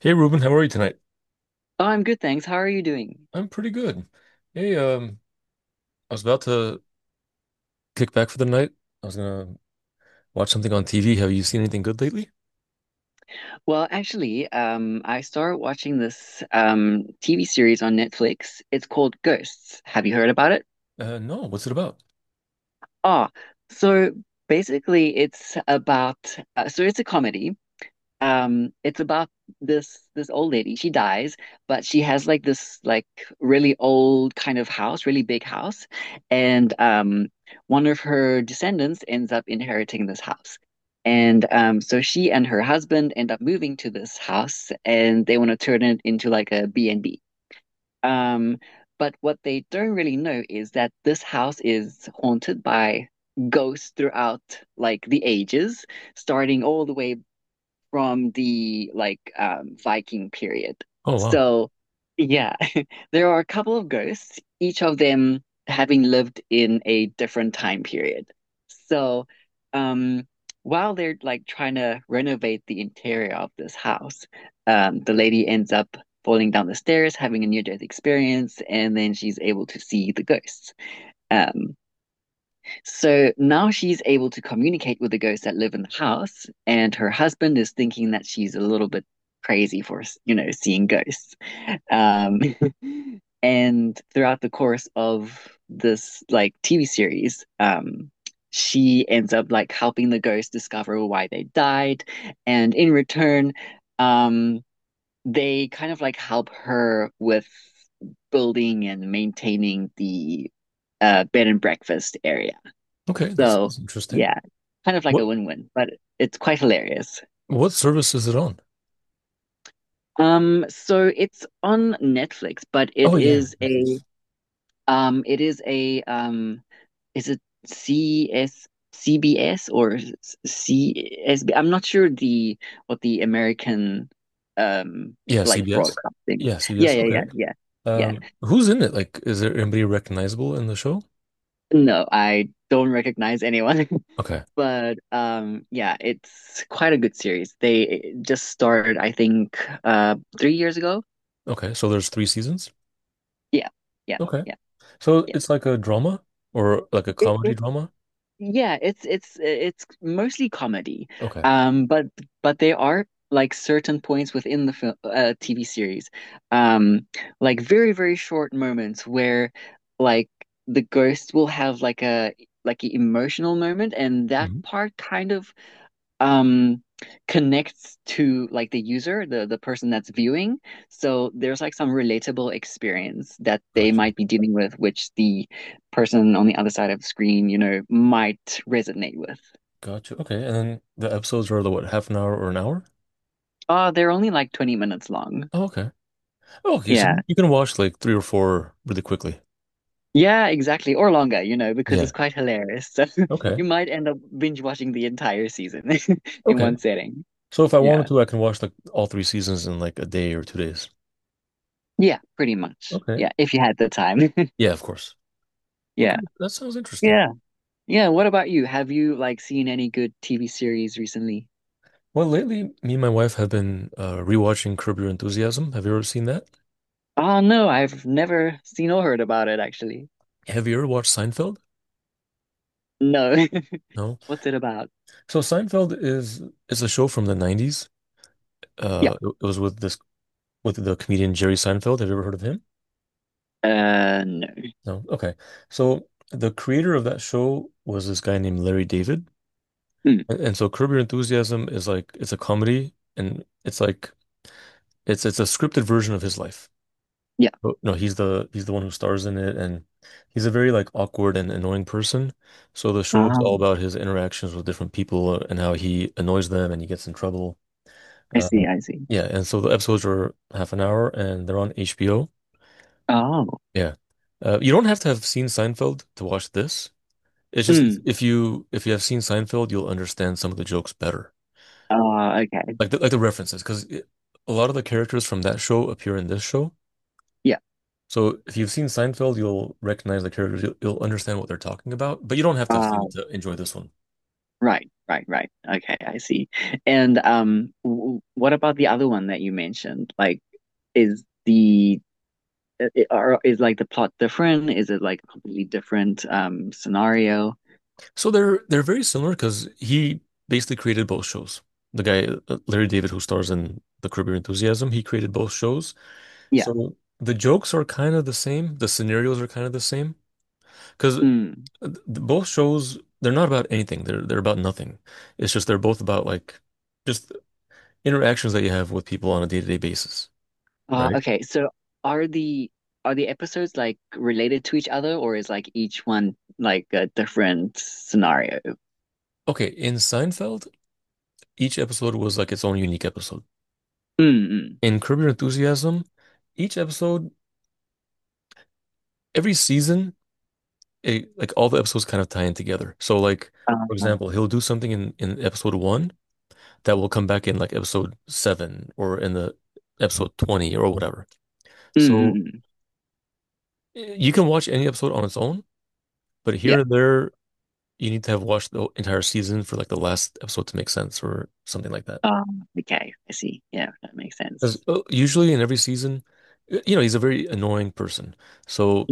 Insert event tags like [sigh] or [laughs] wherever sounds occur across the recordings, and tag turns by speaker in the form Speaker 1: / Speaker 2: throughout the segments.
Speaker 1: Hey Ruben, how are you tonight?
Speaker 2: Oh, I'm good, thanks. How are you doing?
Speaker 1: I'm pretty good. Hey, I was about to kick back for the night. I was gonna watch something on TV. Have you seen anything good lately?
Speaker 2: Well, actually, I started watching this TV series on Netflix. It's called Ghosts. Have you heard about it?
Speaker 1: No. What's it about?
Speaker 2: Ah, so basically, it's about so it's a comedy, it's about this old lady she dies, but she has like this like really old kind of house, really big house, and one of her descendants ends up inheriting this house. And so she and her husband end up moving to this house, and they want to turn it into like a B and b. um but what they don't really know is that this house is haunted by ghosts throughout like the ages, starting all the way from the like Viking period.
Speaker 1: Oh wow.
Speaker 2: So yeah, [laughs] there are a couple of ghosts, each of them having lived in a different time period. So, um, while they're like trying to renovate the interior of this house, the lady ends up falling down the stairs, having a near-death experience, and then she's able to see the ghosts. Um, so now she's able to communicate with the ghosts that live in the house, and her husband is thinking that she's a little bit crazy for, seeing ghosts. Um, [laughs] and throughout the course of this like TV series, she ends up like helping the ghosts discover why they died, and in return, um, they kind of like help her with building and maintaining the bed and breakfast area.
Speaker 1: Okay, that
Speaker 2: So
Speaker 1: sounds interesting.
Speaker 2: yeah, kind of like a
Speaker 1: What
Speaker 2: win-win, but it's quite hilarious.
Speaker 1: what service is it on?
Speaker 2: So it's on Netflix, but
Speaker 1: Oh yeah, Netflix.
Speaker 2: it is a is it C S, C B S, or C S? Am not sure, the what the American, um
Speaker 1: Yeah,
Speaker 2: like,
Speaker 1: CBS.
Speaker 2: broadcasting.
Speaker 1: Yeah,
Speaker 2: Yeah,
Speaker 1: CBS.
Speaker 2: yeah, yeah,
Speaker 1: Okay.
Speaker 2: yeah, yeah.
Speaker 1: Who's in it? Like, is there anybody recognizable in the show?
Speaker 2: No, I don't recognize anyone. [laughs]
Speaker 1: Okay.
Speaker 2: But yeah, it's quite a good series. They just started, I think, 3 years ago.
Speaker 1: Okay. So there's three seasons.
Speaker 2: Yeah, yeah,
Speaker 1: Okay.
Speaker 2: yeah,
Speaker 1: So
Speaker 2: yeah.
Speaker 1: it's like a drama or like a
Speaker 2: It,
Speaker 1: comedy
Speaker 2: it's
Speaker 1: drama.
Speaker 2: yeah, it's mostly comedy.
Speaker 1: Okay.
Speaker 2: Um, but but there are like certain points within the film TV series, um, like very very short moments where like the ghost will have like an emotional moment, and that
Speaker 1: Hmm.
Speaker 2: part kind of um connects to like the user the person that's viewing, so there's like some relatable experience that they might be dealing with, which the person on the other side of the screen might resonate with.
Speaker 1: Gotcha. Okay. And then the episodes are the what, half an hour or an hour?
Speaker 2: Oh, they're only like 20 minutes long.
Speaker 1: Oh, okay. Oh, okay. So
Speaker 2: Yeah,
Speaker 1: you can watch like three or four really quickly.
Speaker 2: yeah, exactly, or longer, because it's
Speaker 1: Yeah.
Speaker 2: quite hilarious. [laughs] So you
Speaker 1: Okay.
Speaker 2: might end up binge watching the entire season [laughs] in
Speaker 1: Okay.
Speaker 2: one setting.
Speaker 1: So if I wanted
Speaker 2: Yeah,
Speaker 1: to, I can watch like all three seasons in like a day or 2 days.
Speaker 2: yeah, pretty much,
Speaker 1: Okay.
Speaker 2: yeah, if you had the time.
Speaker 1: Yeah, of course.
Speaker 2: [laughs]
Speaker 1: Okay.
Speaker 2: Yeah,
Speaker 1: That sounds interesting.
Speaker 2: yeah. Yeah, what about you? Have you like seen any good TV series recently?
Speaker 1: Well, lately, me and my wife have been rewatching Curb Your Enthusiasm. Have you ever seen that?
Speaker 2: Oh no, I've never seen or heard about it actually.
Speaker 1: Have you ever watched Seinfeld?
Speaker 2: No. [laughs]
Speaker 1: No.
Speaker 2: What's it about?
Speaker 1: So Seinfeld is a show from the 90s.
Speaker 2: Yeah.
Speaker 1: It was with the comedian Jerry Seinfeld. Have you ever heard of him?
Speaker 2: No.
Speaker 1: No. Okay. So the creator of that show was this guy named Larry David.
Speaker 2: Mm,
Speaker 1: And so Curb Your Enthusiasm is like it's a comedy and it's like it's a scripted version of his life.
Speaker 2: yeah.
Speaker 1: But no, he's the one who stars in it and he's a very like awkward and annoying person. So the show is
Speaker 2: Ah,
Speaker 1: all about his interactions with different people and how he annoys them and he gets in trouble.
Speaker 2: I
Speaker 1: Uh,
Speaker 2: see, I see.
Speaker 1: yeah, and so the episodes are half an hour and they're on HBO.
Speaker 2: Oh.
Speaker 1: Yeah. You don't have to have seen Seinfeld to watch this. It's just
Speaker 2: Mm.
Speaker 1: if you have seen Seinfeld, you'll understand some of the jokes better,
Speaker 2: Okay.
Speaker 1: like the references, because a lot of the characters from that show appear in this show.
Speaker 2: Yeah.
Speaker 1: So if you've seen Seinfeld, you'll recognize the characters, you'll understand what they're talking about, but you don't have to have seen
Speaker 2: Uh
Speaker 1: it to enjoy this one.
Speaker 2: right, right, right. Okay, I see. And w what about the other one that you mentioned? Like, is the plot different? Is it like a completely different scenario?
Speaker 1: So they're very similar because he basically created both shows. The guy Larry David, who stars in The Curb Your Enthusiasm, he created both shows.
Speaker 2: Yeah.
Speaker 1: So the jokes are kind of the same, the scenarios are kind of the same, because
Speaker 2: Mm.
Speaker 1: both shows they're not about anything. They're about nothing. It's just they're both about like just interactions that you have with people on a day-to-day basis, right?
Speaker 2: Okay, so are the are the episodes like related to each other, or is like each one like a different scenario?
Speaker 1: Okay, in Seinfeld, each episode was like its own unique episode.
Speaker 2: Mm-mm.
Speaker 1: In Curb Your Enthusiasm, each episode, every season, it, like all the episodes kind of tie in together. So like for example,
Speaker 2: Um,
Speaker 1: he'll do something in episode one that will come back in like episode seven or in the episode 20 or whatever. So
Speaker 2: mm-mm.
Speaker 1: you can watch any episode on its own. But
Speaker 2: Yeah.
Speaker 1: here and there, you need to have watched the entire season for like the last episode to make sense or something like that.
Speaker 2: Okay, I see. Yeah, that makes sense.
Speaker 1: Because usually in every season, he's a very annoying person. So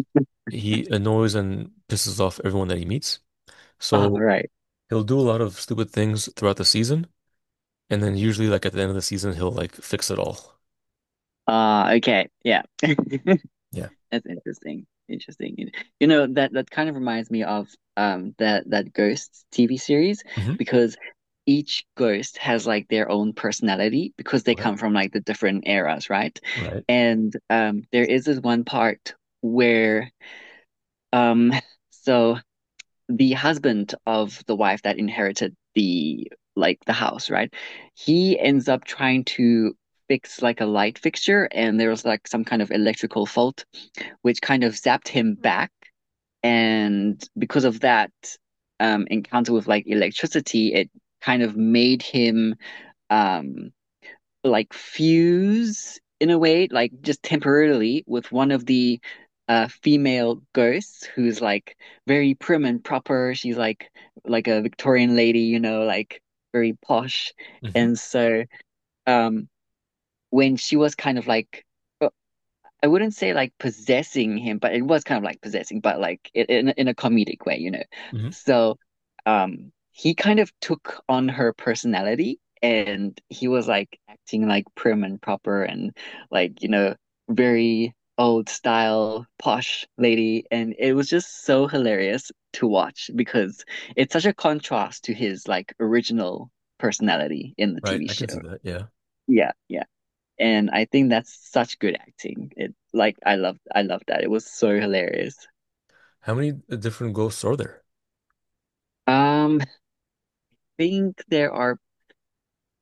Speaker 1: he annoys and pisses off everyone that he meets.
Speaker 2: All
Speaker 1: So
Speaker 2: right.
Speaker 1: he'll do a lot of stupid things throughout the season. And then usually like at the end of the season, he'll like fix it all.
Speaker 2: Okay. Yeah. [laughs] That's
Speaker 1: Yeah.
Speaker 2: interesting. Interesting. You know, that kind of reminds me of that Ghosts TV series,
Speaker 1: Hmm.
Speaker 2: because each ghost has like their own personality because they
Speaker 1: Okay.
Speaker 2: come from like the different eras, right?
Speaker 1: Right.
Speaker 2: And there is this one part where, um [laughs] so the husband of the wife that inherited the house, right? He ends up trying to fix like a light fixture, and there was like some kind of electrical fault which kind of zapped him back. And because of that encounter with like electricity, it kind of made him um, like fuse in a way, like just temporarily, with one of the female ghosts who's like very prim and proper. She's like a Victorian lady, you know, like very posh.
Speaker 1: Hmm.
Speaker 2: And so, um, when she was kind of like, I wouldn't say like possessing him, but it was kind of like possessing, but like in a comedic way,
Speaker 1: Hmm.
Speaker 2: So, he kind of took on her personality, and he was like acting like prim and proper, and like, very old style posh lady, and it was just so hilarious to watch because it's such a contrast to his like original personality in the
Speaker 1: Right.
Speaker 2: TV
Speaker 1: I can see
Speaker 2: show.
Speaker 1: that. Yeah.
Speaker 2: Yeah, yeah. And I think that's such good acting. It like I loved that. It was so hilarious.
Speaker 1: How many different ghosts are there?
Speaker 2: I think there are,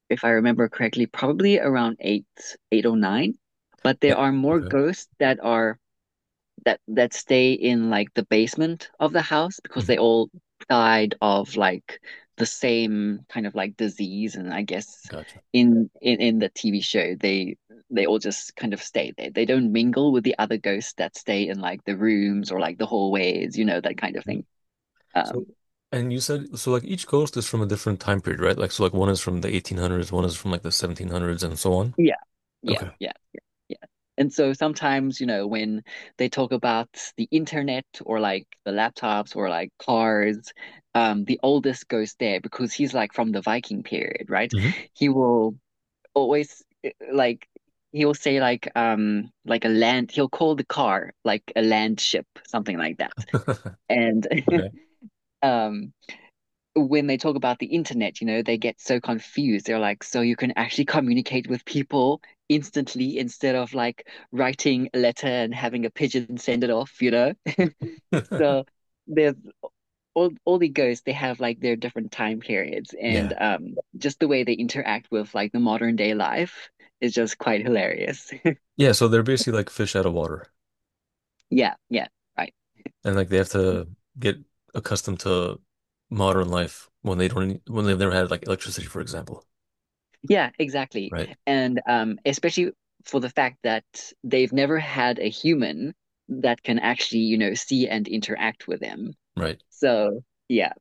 Speaker 2: if I remember correctly, probably around eight, eight or nine, but there
Speaker 1: Yeah.
Speaker 2: are more
Speaker 1: Okay.
Speaker 2: ghosts that are that that stay in like the basement of the house, because they
Speaker 1: Hmm.
Speaker 2: all died of like the same kind of like disease, and I guess
Speaker 1: Gotcha.
Speaker 2: in the TV show they all just kind of stay there. They don't mingle with the other ghosts that stay in like the rooms or like the hallways, that kind of thing.
Speaker 1: So,
Speaker 2: Um
Speaker 1: and you said, so like each ghost is from a different time period, right? Like, so like one is from the 1800s, one is from like the 1700s, and so on.
Speaker 2: yeah, yeah,
Speaker 1: Okay.
Speaker 2: yeah. Yeah. And so sometimes, when they talk about the internet or like the laptops or like cars, the oldest goes there because he's like from the Viking period, right?
Speaker 1: Hmm.
Speaker 2: He will always, like, he will say like a land, he'll call the car like a land ship, something like that.
Speaker 1: [laughs]
Speaker 2: And [laughs] um when they talk about the internet, they get so confused. They're like, so you can actually communicate with people instantly instead of like writing a letter and having a pigeon send it off, you know? [laughs]
Speaker 1: Okay. [laughs]
Speaker 2: So there's all the ghosts, they have like their different time periods, and
Speaker 1: Yeah.
Speaker 2: just the way they interact with like the modern day life is just quite hilarious. [laughs]
Speaker 1: Yeah, so they're basically like fish out of water,
Speaker 2: Yeah, yeah, right.
Speaker 1: and like they have to get accustomed to modern life when they don't when they've never had like electricity, for example.
Speaker 2: Yeah, exactly.
Speaker 1: Right,
Speaker 2: And especially for the fact that they've never had a human that can actually, see and interact with them.
Speaker 1: right.
Speaker 2: So, yeah.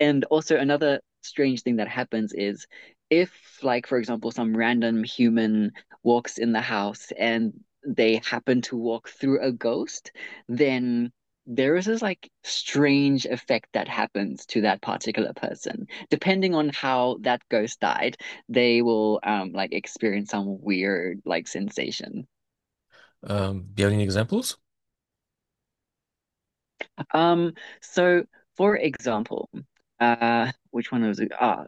Speaker 2: And also, another strange thing that happens is, if, like, for example, some random human walks in the house and they happen to walk through a ghost, then there is this like strange effect that happens to that particular person. Depending on how that ghost died, they will like experience some weird like sensation.
Speaker 1: Do you have any examples?
Speaker 2: Um, so for example, which one was it? Ah,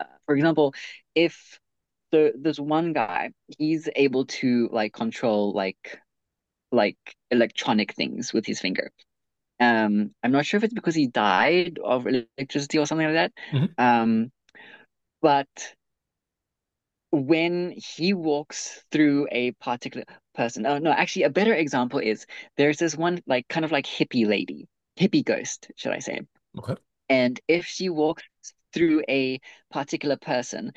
Speaker 2: uh, For example, if so there's one guy, he's able to like control like electronic things with his finger. I'm not sure if it's because he died of electricity or something like that.
Speaker 1: Hmm.
Speaker 2: Um, but when he walks through a particular person, oh no, actually a better example is there's this one like kind of like hippie lady, hippie ghost, should I say?
Speaker 1: Okay.
Speaker 2: And if she walks through a particular person,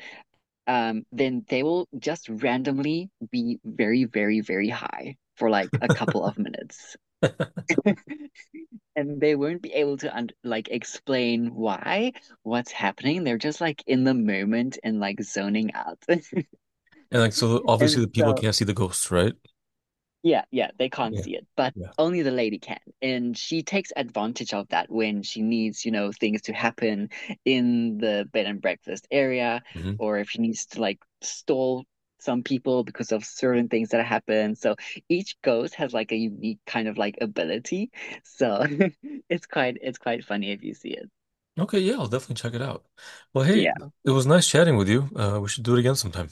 Speaker 2: then they will just randomly be very, very, very high for like a couple of minutes. [laughs] And they won't be able to un like explain why, what's happening. They're just like in the moment and like zoning out. [laughs]
Speaker 1: And like so, obviously
Speaker 2: And
Speaker 1: the people
Speaker 2: so
Speaker 1: can't see the ghosts, right?
Speaker 2: Yeah, yeah, they can't
Speaker 1: Yeah.
Speaker 2: see it, but
Speaker 1: Yeah.
Speaker 2: only the lady can. And she takes advantage of that when she needs, things to happen in the bed and breakfast area,
Speaker 1: Mhm.
Speaker 2: or if she needs to like stall some people because of certain things that happen. So each ghost has like a unique kind of like ability. So [laughs] it's quite funny if you see it.
Speaker 1: Okay, yeah, I'll definitely check it out. Well, hey,
Speaker 2: Yeah.
Speaker 1: it was nice chatting with you. We should do it again sometime.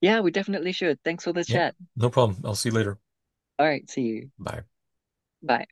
Speaker 2: Yeah, we definitely should. Thanks for the
Speaker 1: Yeah,
Speaker 2: chat.
Speaker 1: no problem. I'll see you later.
Speaker 2: All right, see you.
Speaker 1: Bye.
Speaker 2: Bye.